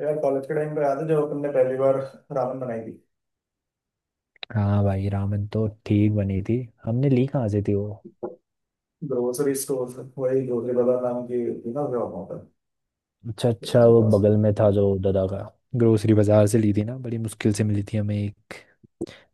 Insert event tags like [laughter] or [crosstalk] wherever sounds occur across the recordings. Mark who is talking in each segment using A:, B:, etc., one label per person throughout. A: यार कॉलेज के टाइम पे याद है जब अपन ने पहली बार रामन बनाई थी।
B: हाँ भाई, रामेन तो ठीक बनी थी। हमने ली कहाँ से थी वो?
A: ग्रोसरी स्टोर वही गोली बाजार नाम की थी ना जो वहाँ पर।
B: अच्छा
A: तो
B: अच्छा,
A: उनके
B: वो
A: पास
B: बगल में था जो दादा का। ग्रोसरी बाजार से ली थी ना, बड़ी मुश्किल से मिली थी हमें। एक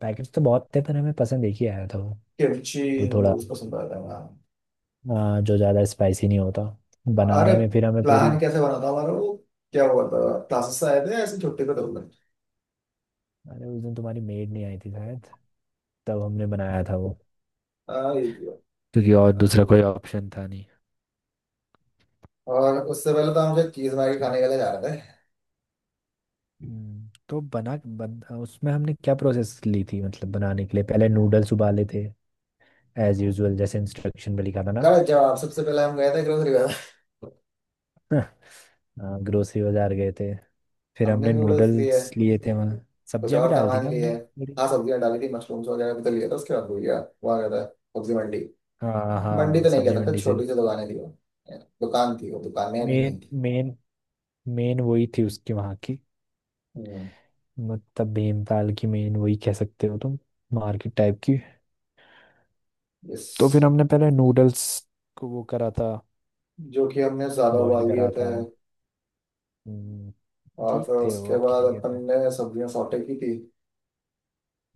B: पैकेट तो बहुत थे पर हमें पसंद एक ही आया था वो।
A: किमची,
B: तो थोड़ा
A: उसको पसंद आता है। हाँ।
B: जो ज़्यादा स्पाइसी नहीं होता
A: अरे
B: बनाने में। फिर हमें पूरी
A: प्लान कैसे बना था हमारा? वो क्या हुआ था? क्लासेस से आए थे, ऐसे छुट्टी पे थे।
B: अरे उस दिन तुम्हारी मेड नहीं आई थी शायद, तब हमने बनाया था वो।
A: हाँ, ये किया।
B: क्योंकि और दूसरा कोई ऑप्शन था नहीं।
A: और उससे पहले तो हम जो चीज मार खाने के लिए जा रहे थे।
B: तो उसमें हमने क्या प्रोसेस ली थी? मतलब बनाने के लिए पहले नूडल्स उबाले थे, एज यूजुअल जैसे इंस्ट्रक्शन में लिखा था ना।
A: गलत जवाब। सबसे पहले हम गए थे ग्रोसरी बाजार।
B: हाँ, ग्रोसरी बाजार गए थे, फिर
A: हमने
B: हमने
A: नूडल्स लिए,
B: नूडल्स लिए थे वहाँ।
A: कुछ
B: सब्जियां भी
A: और
B: डाल थी
A: सामान
B: ना
A: लिए।
B: हमने, बड़ी।
A: हाँ, सब्जियां डाली थी, मशरूम्स वगैरह भी तो लिए थे। उसके बाद भूल गया। वहाँ गया था, सब्जी मंडी।
B: हाँ
A: मंडी
B: हाँ,
A: तो नहीं कह
B: सब्जी
A: सकता,
B: मंडी से।
A: छोटी सी दुकानें थी वो। दुकान थी, वो दुकानें अभी
B: मेन
A: नहीं थी।
B: मेन मेन वही थी उसकी, वहाँ की।
A: हम्म।
B: मतलब भीमताल की मेन वही कह सकते हो तुम, मार्केट टाइप की।
A: इस
B: तो फिर हमने पहले नूडल्स को वो करा था,
A: जो कि हमने ज्यादा
B: बॉईल
A: उबाल दिए
B: करा
A: थे।
B: था।
A: और
B: ठीक
A: फिर
B: थे वो,
A: उसके
B: अब क्या
A: बाद
B: ही कहते
A: अपन
B: हैं।
A: ने सब्जियां सॉटे की थी।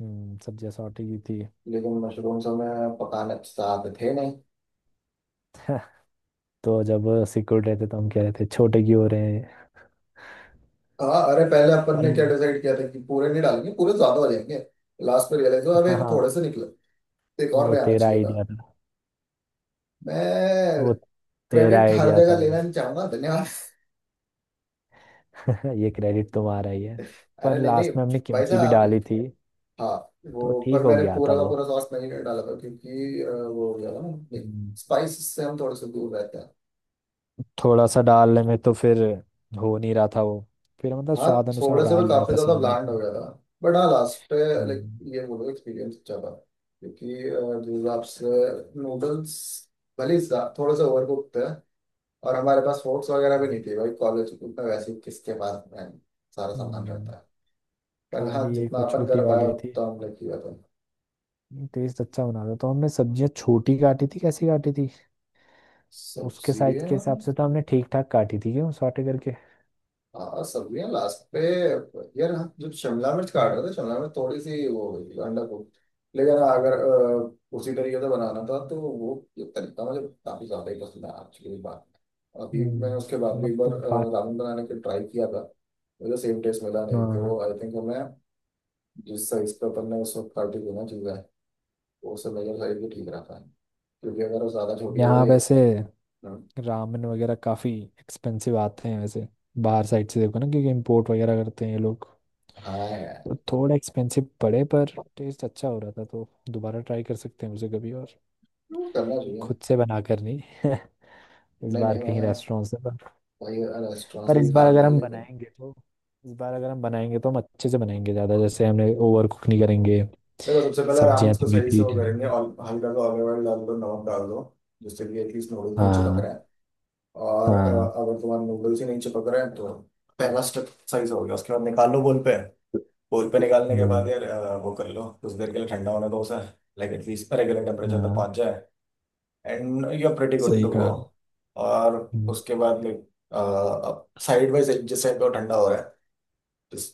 B: सब्जियां सॉटे की थी।
A: लेकिन मशरूम्स हमें पकाने चाहते थे नहीं।
B: [laughs] तो जब सिकुड़ रहे थे तो हम कह रहे थे छोटे क्यों हो रहे हैं?
A: हाँ, अरे पहले अपन
B: पर
A: ने क्या डिसाइड किया था कि पूरे नहीं डालेंगे, पूरे ज्यादा हो जाएंगे। लास्ट पे रियलाइज हुआ अबे
B: हाँ,
A: थोड़े से निकले, तो एक और
B: वो
A: ले आना
B: तेरा
A: चाहिए था।
B: आइडिया था
A: मैं
B: वो, तेरा
A: क्रेडिट हर
B: आइडिया था
A: जगह
B: वो।
A: लेना नहीं चाहूंगा, धन्यवाद।
B: [laughs] ये क्रेडिट तुम्हारा ही है। पर
A: अरे नहीं नहीं।
B: लास्ट में हमने
A: भाई
B: किमची भी डाली
A: साहब।
B: थी,
A: हाँ,
B: तो
A: वो
B: ठीक
A: पर
B: हो
A: मैंने
B: गया था
A: पूरा का
B: वो।
A: पूरा सॉस नहीं डाला था क्योंकि वो हो गया था ना।
B: हम्म,
A: स्पाइस से हम थोड़े से दूर रहते हैं।
B: थोड़ा सा डालने में तो फिर हो नहीं रहा था वो। फिर मतलब
A: हाँ,
B: स्वाद अनुसार
A: थोड़े से मैं
B: डाल लिया
A: काफी
B: था
A: ज्यादा
B: सबने
A: ब्लैंड हो
B: अपने।
A: गया था। बट हाँ, लास्ट पे लाइक
B: हम्म।
A: ये बोलो, एक्सपीरियंस अच्छा था। क्योंकि जिस हिसाब से नूडल्स भले ही थोड़े से ओवर कुक थे, और हमारे पास फोर्क्स वगैरह भी नहीं थे भाई, कॉलेज में वैसे ही किसके पास है सारा सामान
B: हम्म,
A: रहता है। पर हाँ,
B: खाली
A: जितना
B: एक वो
A: अपन
B: छोटी
A: कर पाया
B: वाली थी।
A: उतना हमने किया था।
B: टेस्ट अच्छा बना था। तो हमने सब्जियां छोटी काटी थी, कैसी काटी थी उसके
A: सब्जी,
B: साइज के हिसाब से, तो हमने ठीक ठाक काटी थी क्यों, सॉटे करके।
A: हाँ सब्जियां लास्ट पे। यार हम जब शिमला मिर्च काट रहे थे, शिमला मिर्च थोड़ी सी वो हो गई थी, अंडा को। लेकिन अगर उसी तरीके से बनाना था तो वो, ये तरीका मुझे काफी ज्यादा ही पसंद आया, एक्चुअली बात। अभी मैं
B: हम्म,
A: उसके बाद भी
B: मतलब
A: एक
B: तो
A: बार
B: बाकी
A: रामेन बनाने के ट्राई किया था। मुझे सेम टेस्ट मिला नहीं,
B: हाँ।
A: तो आई थिंक हमें जिस साइज पे अपन ने उस वक्त काटी थी ना चीज़ें, वो उससे मेजर साइज भी ठीक रहता है, क्योंकि अगर वो ज्यादा छोटी हो
B: यहाँ
A: गई।
B: वैसे
A: हम्म।
B: रामेन वगैरह काफ़ी एक्सपेंसिव आते हैं वैसे बाहर साइड से, देखो ना, क्योंकि इम्पोर्ट वगैरह करते हैं ये लोग।
A: हाँ यार,
B: तो थोड़ा एक्सपेंसिव पड़े, पर टेस्ट अच्छा हो रहा था, तो दोबारा ट्राई कर सकते हैं उसे कभी। और
A: वो करना चाहिए।
B: खुद से बना कर नहीं, [laughs] इस
A: नहीं
B: बार
A: नहीं,
B: कहीं
A: मैंने
B: रेस्टोरेंट से
A: वही रेस्टोरेंट से
B: पर
A: भी
B: इस
A: खा
B: बार अगर
A: लिया,
B: हम
A: लेकिन
B: बनाएंगे तो, इस बार अगर हम बनाएंगे तो हम अच्छे से बनाएंगे। ज़्यादा जैसे हमने ओवर कुक नहीं करेंगे,
A: देखो सबसे पहले
B: सब्जियां
A: राउंड्स को
B: थोड़ी
A: सही से
B: ठीक
A: वो करेंगे,
B: रहेंगी।
A: और हल्का सा ऑलिव ऑयल डाल दो, नमक डाल दो, जिससे कि एटलीस्ट नूडल्स नहीं चिपक
B: हाँ।
A: रहे हैं। और
B: हाँ।
A: अगर तुम्हारे नूडल्स ही नहीं चिपक रहे हैं तो पहला स्टेप सही से हो गया। उसके बाद निकाल लो बोल पे। बोल पे निकालने के बाद
B: हम्म,
A: यार वो कर लो, कुछ देर के लिए ठंडा होने दो उसे। लाइक एटलीस्ट रेगुलर टेम्परेचर तक
B: हाँ,
A: पहुंच जाए, and you are pretty good
B: सही
A: टू गो।
B: कहा।
A: और
B: हम्म,
A: उसके बाद लाइक अब साइड बाई साइड, जिस साइड पे वो ठंडा हो रहा है, जिस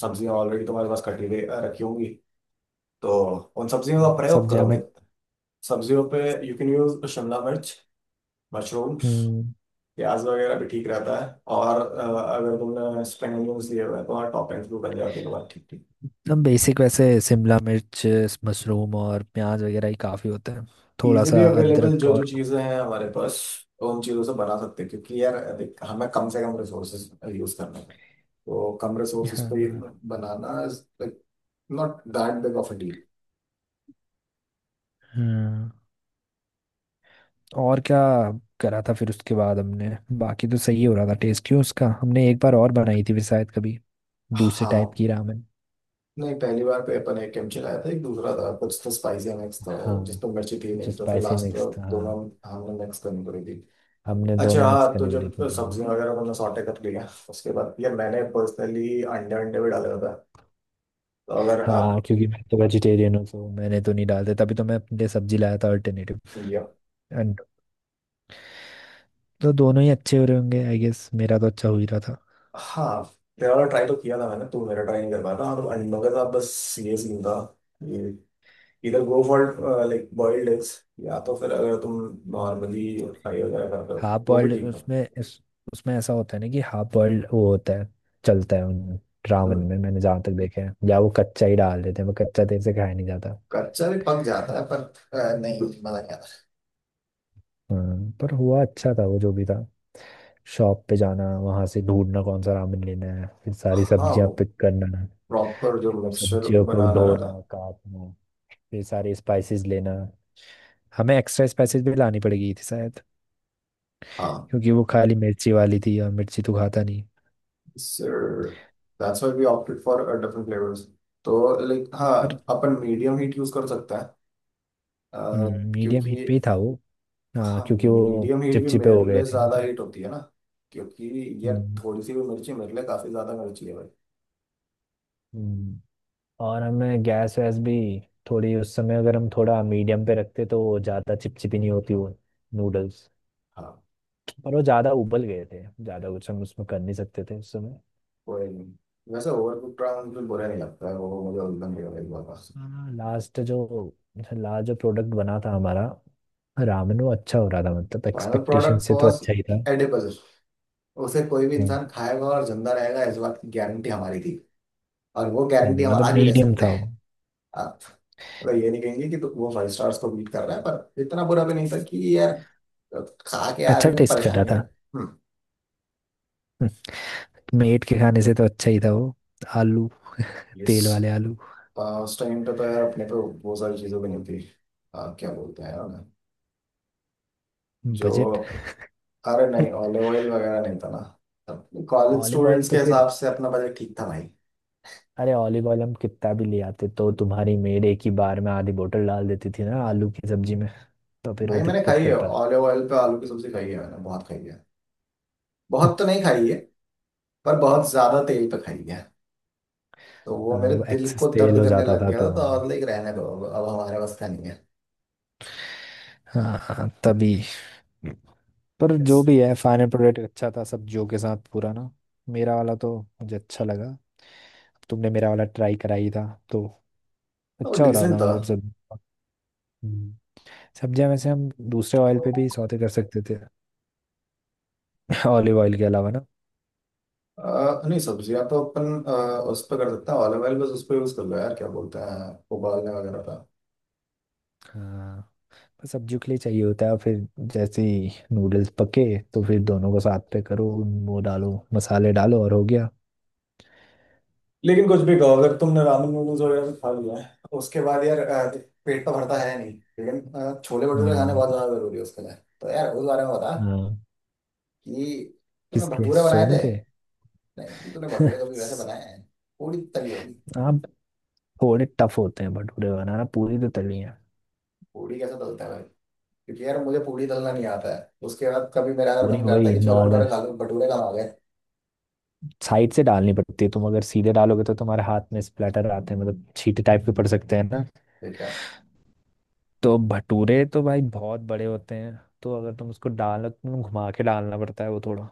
A: सब्जियां ऑलरेडी तुम्हारे पास कटी हुई रखी होंगी, तो उन सब्जियों का प्रयोग
B: सब्जियां
A: करो मैं,
B: हमें।
A: सब्जियों पे। यू कैन यूज शिमला मिर्च, मशरूम,
B: हम्म,
A: प्याज वगैरह भी ठीक रहता है। और अगर तुमने स्प्रिंग अनियंस लिए हुए हैं, तो वहाँ टॉपिंग्स भी बन जाती है तुम्हारी ठीक ठीक।
B: एकदम बेसिक वैसे शिमला मिर्च, मशरूम और प्याज वगैरह ही काफ़ी होता है, थोड़ा
A: इजीली
B: सा
A: अवेलेबल
B: अदरक
A: जो
B: और।
A: जो चीज़ें हैं हमारे पास, तो उन चीज़ों से बना सकते हैं, क्योंकि यार देख, हमें कम से कम रिसोर्सेज यूज करना है। तो कम रिसोर्सेज पे ही
B: हाँ।
A: बनाना, not that big of a deal.
B: हाँ, और क्या करा था फिर उसके बाद हमने। बाकी तो सही हो रहा था, टेस्ट क्यों उसका। हमने एक बार और बनाई थी फिर शायद कभी, दूसरे टाइप
A: हाँ,
B: की रामेन।
A: नहीं पहली बार पे अपन एक कैंप चलाया था, एक दूसरा था कुछ तो स्पाइसी मिक्स था, जिस
B: हाँ,
A: पर मिर्ची थी
B: कुछ
A: नहीं, तो फिर
B: स्पाइसी
A: लास्ट
B: मिक्स था,
A: दोनों
B: हाँ।
A: हमने मिक्स करनी पड़ी थी।
B: हमने दोनों
A: अच्छा,
B: मिक्स
A: हाँ तो
B: करनी पड़ी
A: जब
B: थी।
A: सब्जियां वगैरह मैंने सॉटे कर लिया उसके बाद यार, मैंने पर्सनली अंडे अंडे भी डाले होते हैं। तो अगर आप
B: हाँ, क्योंकि मैं तो वेजिटेरियन हूँ, तो मैंने तो नहीं डालते, तभी तो मैं अपने लिए सब्जी लाया था अल्टरनेटिव।
A: ये,
B: तो दोनों ही अच्छे हो रहे होंगे, आई गेस। मेरा तो अच्छा हो ही रहा था।
A: हाँ तेरा वाला ट्राई तो किया था मैंने, तू मेरा ट्राई नहीं कर पाया था। और अंडों के साथ बस ये सीन था, ये इधर go for like boiled eggs. या तो फिर अगर तुम
B: हम्म।
A: नॉर्मली फ्राई वगैरह करते हो
B: हाफ
A: वो भी
B: बॉइल्ड
A: ठीक है।
B: उसमें उसमें ऐसा होता है ना कि हाफ बॉइल्ड वो होता है। चलता है उन रावण में,
A: हम्म,
B: मैंने जहाँ तक देखा है। या वो कच्चा ही डाल देते हैं, वो कच्चा देर से खाया नहीं जाता।
A: कच्चा भी पक जाता है पर नहीं मजा नहीं आता।
B: हाँ, पर हुआ अच्छा था वो, जो भी था। शॉप पे जाना, वहां से ढूंढना कौन सा रामेन लेना है, फिर सारी
A: हाँ
B: सब्जियां
A: वो
B: पिक करना,
A: प्रॉपर जो मिक्सचर
B: सब्जियों को
A: बनाना रहता
B: धोना,
A: है।
B: काटना, फिर सारे स्पाइसेस लेना। हमें एक्स्ट्रा स्पाइसेस भी लानी पड़ेगी थी शायद,
A: हाँ
B: क्योंकि वो खाली मिर्ची वाली थी और मिर्ची तो खाता नहीं।
A: Sir, that's why we opted for different flavours. तो लाइक हाँ,
B: पर
A: अपन मीडियम हीट यूज कर सकते हैं। अ,
B: मीडियम
A: क्योंकि
B: हीट पे ही था वो। हाँ,
A: हाँ,
B: क्योंकि वो
A: मीडियम हीट भी
B: चिपचिपे हो
A: मेरे
B: गए
A: लिए
B: थे ना
A: ज्यादा
B: फिर।
A: हीट होती है ना, क्योंकि ये
B: हम्म।
A: थोड़ी सी भी मिर्ची मेरे लिए काफी ज्यादा मिर्ची है भाई।
B: हम्म। और हमें गैस वैस भी थोड़ी, उस समय अगर हम थोड़ा मीडियम पे रखते तो वो ज़्यादा चिपचिपी नहीं होती, वो नूडल्स।
A: हाँ
B: पर वो ज़्यादा उबल गए थे, ज़्यादा कुछ हम उसमें कर नहीं सकते थे उस समय।
A: कोई नहीं, वैसे ओवर कुक ट्राई मुझे बुरा नहीं लगता है, वो मुझे उल्टा नहीं लगा बहुत।
B: हाँ, लास्ट जो, लास्ट जो प्रोडक्ट बना था हमारा, रामेन, वो अच्छा हो रहा था। मतलब
A: फाइनल
B: एक्सपेक्टेशन
A: प्रोडक्ट
B: से तो
A: वॉज
B: अच्छा ही था।
A: एडिबल। उसे कोई भी
B: हाँ।
A: इंसान खाएगा और जिंदा रहेगा, इस बात की गारंटी हमारी थी। और वो गारंटी हम
B: मतलब
A: आज भी ले
B: मीडियम
A: सकते
B: था
A: हैं।
B: वो।
A: मतलब ये नहीं कहेंगे कि तो वो फाइव स्टार्स को बीट कर रहा है, पर इतना बुरा भी नहीं था कि यार खा के
B: अच्छा
A: आदमी में
B: टेस्ट कर रहा
A: परेशानी हो।
B: था।
A: हम्म।
B: मेट के खाने से तो अच्छा ही था वो। आलू,
A: यस।
B: तेल वाले आलू।
A: उस टाइम पे तो यार अपने पे बहुत सारी चीज़ें भी नहीं थी। क्या बोलते हैं यार जो,
B: बजट।
A: अरे नहीं ऑलिव ऑयल वगैरह नहीं था ना, कॉलेज
B: ऑलिव ऑयल
A: स्टूडेंट्स
B: तो
A: के हिसाब
B: फिर,
A: से अपना बजट ठीक था भाई।
B: अरे ऑलिव ऑयल हम कितना भी ले आते तो तुम्हारी मेड एक ही बार में आधी बोतल डाल देती थी ना आलू की सब्जी में, तो फिर वो
A: भाई मैंने
B: दिक्कत
A: खाई है,
B: करता था।
A: ऑलिव ऑयल पे आलू की सब्जी खाई है मैंने, बहुत खाई है। बहुत तो नहीं खाई है, पर बहुत ज्यादा तेल पे खाई है। तो वो
B: हाँ,
A: मेरे
B: वो
A: दिल को
B: एक्सेस तेल
A: दर्द
B: हो
A: करने
B: जाता
A: लग
B: था
A: गया था,
B: तो।
A: तो और लाइक रहने दो, अब हमारे बस का नहीं है।
B: हाँ हाँ, तभी। पर जो
A: Yes।
B: भी है, फाइनल प्रोडक्ट अच्छा था सब्जियों के साथ पूरा ना। मेरा वाला तो मुझे अच्छा लगा, तुमने मेरा वाला ट्राई कराई था तो।
A: और
B: अच्छा हो रहा
A: डिसेंट
B: था,
A: था।
B: मतलब सब। हम्म। सब्जियां वैसे हम दूसरे ऑयल पे भी सौते कर सकते थे, [laughs] ऑलिव ऑयल के अलावा ना।
A: नहीं सब्जियां तो अपन उस पर कर सकते हैं। ऑलिव ऑयल बस उस पर यूज कर लो यार, क्या बोलते हैं, उबालने वगैरह का।
B: हाँ, पर सब्जियों के लिए चाहिए होता है। और फिर जैसे ही नूडल्स पके, तो फिर दोनों को साथ पे करो, वो डालो मसाले डालो और हो गया।
A: लेकिन कुछ भी कहो, अगर तुमने रामेन नूडल्स वगैरह भी खा लिया है उसके बाद यार, पेट तो भरता है नहीं। लेकिन छोले भटूरे खाने
B: हाँ।
A: बहुत ज्यादा जरूरी है उसके लिए। तो यार उस बारे में बता,
B: हाँ,
A: कि तूने
B: किसके,
A: भटूरे बनाए
B: सोनू
A: थे।
B: के?
A: नहीं कि तूने भटूरे कभी वैसे
B: [laughs]
A: बनाए हैं। पूड़ी तली होगी।
B: आप थोड़े टफ होते हैं भटूरे बनाना, पूरी तो तली है।
A: पूड़ी कैसे तलता है भाई? क्योंकि यार मुझे पूड़ी तलना नहीं आता है। उसके बाद कभी मेरा अगर
B: पूरी
A: मन करता है
B: वही
A: कि छोले
B: नॉर्मल
A: भटूरे खा लूं, भटूरे कहाँ आ
B: साइड से डालनी पड़ती है। तुम अगर सीधे डालोगे तो तुम्हारे हाथ में स्प्लैटर आते हैं, मतलब छींटे टाइप के पड़ सकते हैं।
A: गए।
B: तो भटूरे तो भाई बहुत बड़े होते हैं, तो अगर तुम उसको डालो तुम घुमा के डालना पड़ता है वो थोड़ा।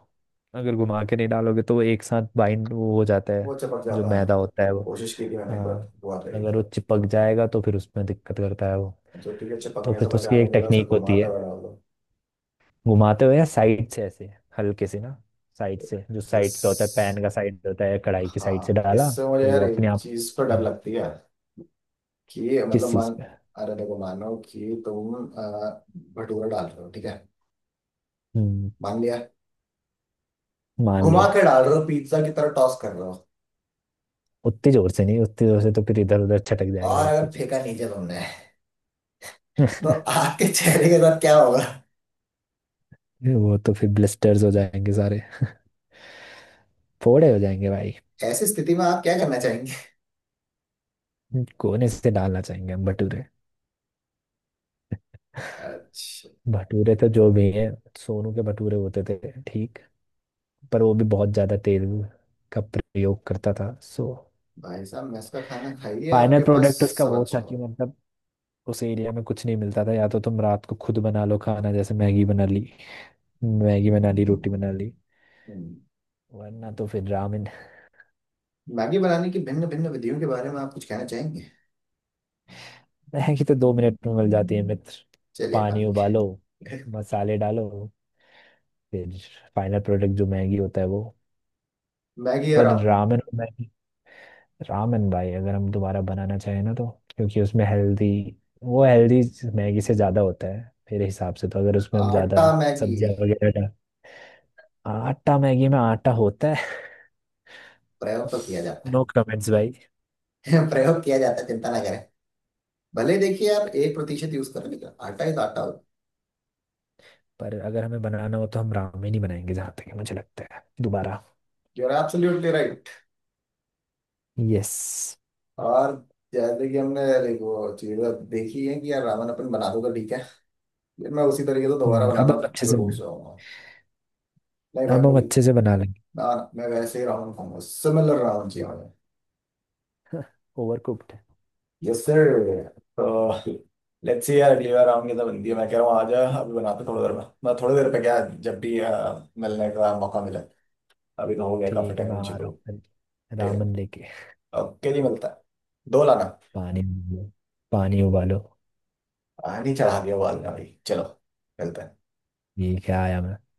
B: अगर घुमा के नहीं डालोगे तो वो एक साथ बाइंड वो हो जाता है,
A: वो चिपक
B: जो
A: जाता है।
B: मैदा होता है वो।
A: कोशिश की थी मैंने एक
B: हाँ।
A: बार, हुआ था ये।
B: अगर वो चिपक जाएगा तो फिर उसमें दिक्कत करता है वो।
A: तो ठीक है,
B: तो
A: चिपकने
B: फिर
A: से
B: तो उसकी
A: बचाने
B: एक
A: के लिए उसे
B: टेक्निक होती
A: घुमाता
B: है,
A: हुआ डाल दो।
B: घुमाते हुए या साइड से ऐसे हल्के से ना। साइड से, जो साइड का होता है,
A: इस,
B: पैन का साइड होता है, कढ़ाई की साइड से
A: हाँ
B: डाला
A: इससे मुझे
B: तो
A: यार
B: वो अपने
A: एक
B: आप।
A: चीज पर डर
B: हम्म,
A: लगती है, कि मतलब
B: किस चीज
A: मान,
B: पे?
A: अरे देखो मानो कि तुम भटूरा डाल रहे हो, ठीक है,
B: हम्म,
A: मान लिया,
B: मान
A: घुमा
B: लिया।
A: के डाल रहे हो, पिज्जा की तरह टॉस कर रहे हो।
B: उतनी जोर से नहीं, उतनी जोर से तो फिर इधर उधर छटक जाएगा
A: और
B: सब
A: अगर
B: कुछ।
A: फेंका नीचे तुमने, तो आपके चेहरे के साथ क्या होगा?
B: ये वो तो फिर ब्लिस्टर्स हो जाएंगे सारे, [laughs] फोड़े हो जाएंगे भाई।
A: ऐसी स्थिति में आप क्या करना चाहेंगे?
B: कोने से डालना चाहेंगे हम भटूरे।
A: अच्छा।
B: भटूरे तो जो भी है, सोनू के भटूरे होते थे ठीक, पर वो भी बहुत ज्यादा तेल का प्रयोग करता था, सो
A: भाई साहब मेस का खाना खाइए
B: फाइनल
A: आपके पास
B: प्रोडक्ट उसका
A: सब
B: वो था
A: अच्छा
B: कि मतलब। उस एरिया में कुछ नहीं मिलता था, या तो तुम रात को खुद बना लो खाना, जैसे मैगी बना ली, मैगी बना ली, रोटी बना ली,
A: हो।
B: वरना तो फिर रामेन।
A: मैगी बनाने की भिन्न भिन्न विधियों के बारे में आप कुछ कहना चाहेंगे?
B: [laughs] मैगी तो दो मिनट में मिल जाती है मित्र।
A: चलिए
B: पानी
A: काफी
B: उबालो,
A: है। [laughs]
B: मसाले डालो, फिर फाइनल प्रोडक्ट जो मैगी होता है वो।
A: मैगी और
B: पर
A: हम,
B: रामेन और मैगी, रामेन भाई अगर हम दोबारा बनाना चाहें ना तो, क्योंकि उसमें हेल्दी वो, हेल्दी मैगी से ज़्यादा होता है मेरे हिसाब से। तो अगर उसमें हम
A: आटा
B: ज़्यादा
A: मैगी
B: सब्जियाँ वगैरह डाल। आटा मैगी में आटा होता है।
A: प्रयोग तो किया
B: [laughs]
A: जाता
B: नो कमेंट्स भाई।
A: है। [laughs] प्रयोग किया जाता है, चिंता ना करें। भले देखिए आप 1 प्रतिशत यूज करें, लेकिन आटा इज आटा।
B: पर अगर हमें बनाना हो तो हम रामेन ही बनाएंगे, जहाँ तक मुझे लगता है, दोबारा।
A: You are absolutely right.
B: Yes.
A: और जैसे कि हमने देखो, चीजें देखी है कि यार रावण अपन बना दूंगा, ठीक है, लेकिन मैं उसी तरीके से तो दोबारा
B: अब
A: बनाना
B: हम अच्छे से
A: जरूर
B: बना
A: चाहूंगा। नहीं भाई,
B: अब हम
A: मुझे
B: अच्छे से बना लेंगे।
A: ना, मैं वैसे ही रावण खाऊंगा, सिमिलर रावण चाहिए।
B: Over cooked.
A: Yes sir. तो लेट्स सी यार, अगली बार आऊंगी तो बनती है। मैं कह रहा हूँ आ जा, अभी बनाते थोड़ी देर में, मैं थोड़ी देर पे क्या, जब भी मिलने का मौका मिले। अभी तो हो गया काफी
B: ठीक है,
A: टाइम
B: मैं
A: उनसे
B: आ रहा
A: तो।
B: हूँ, फिर
A: ठीक है।
B: रामन लेके।
A: ओके जी, मिलता है। दो लाना।
B: पानी, पानी उबालो।
A: पानी चढ़ा दिया वाल में भाई, चलो मिलते हैं।
B: ये क्या आया मैं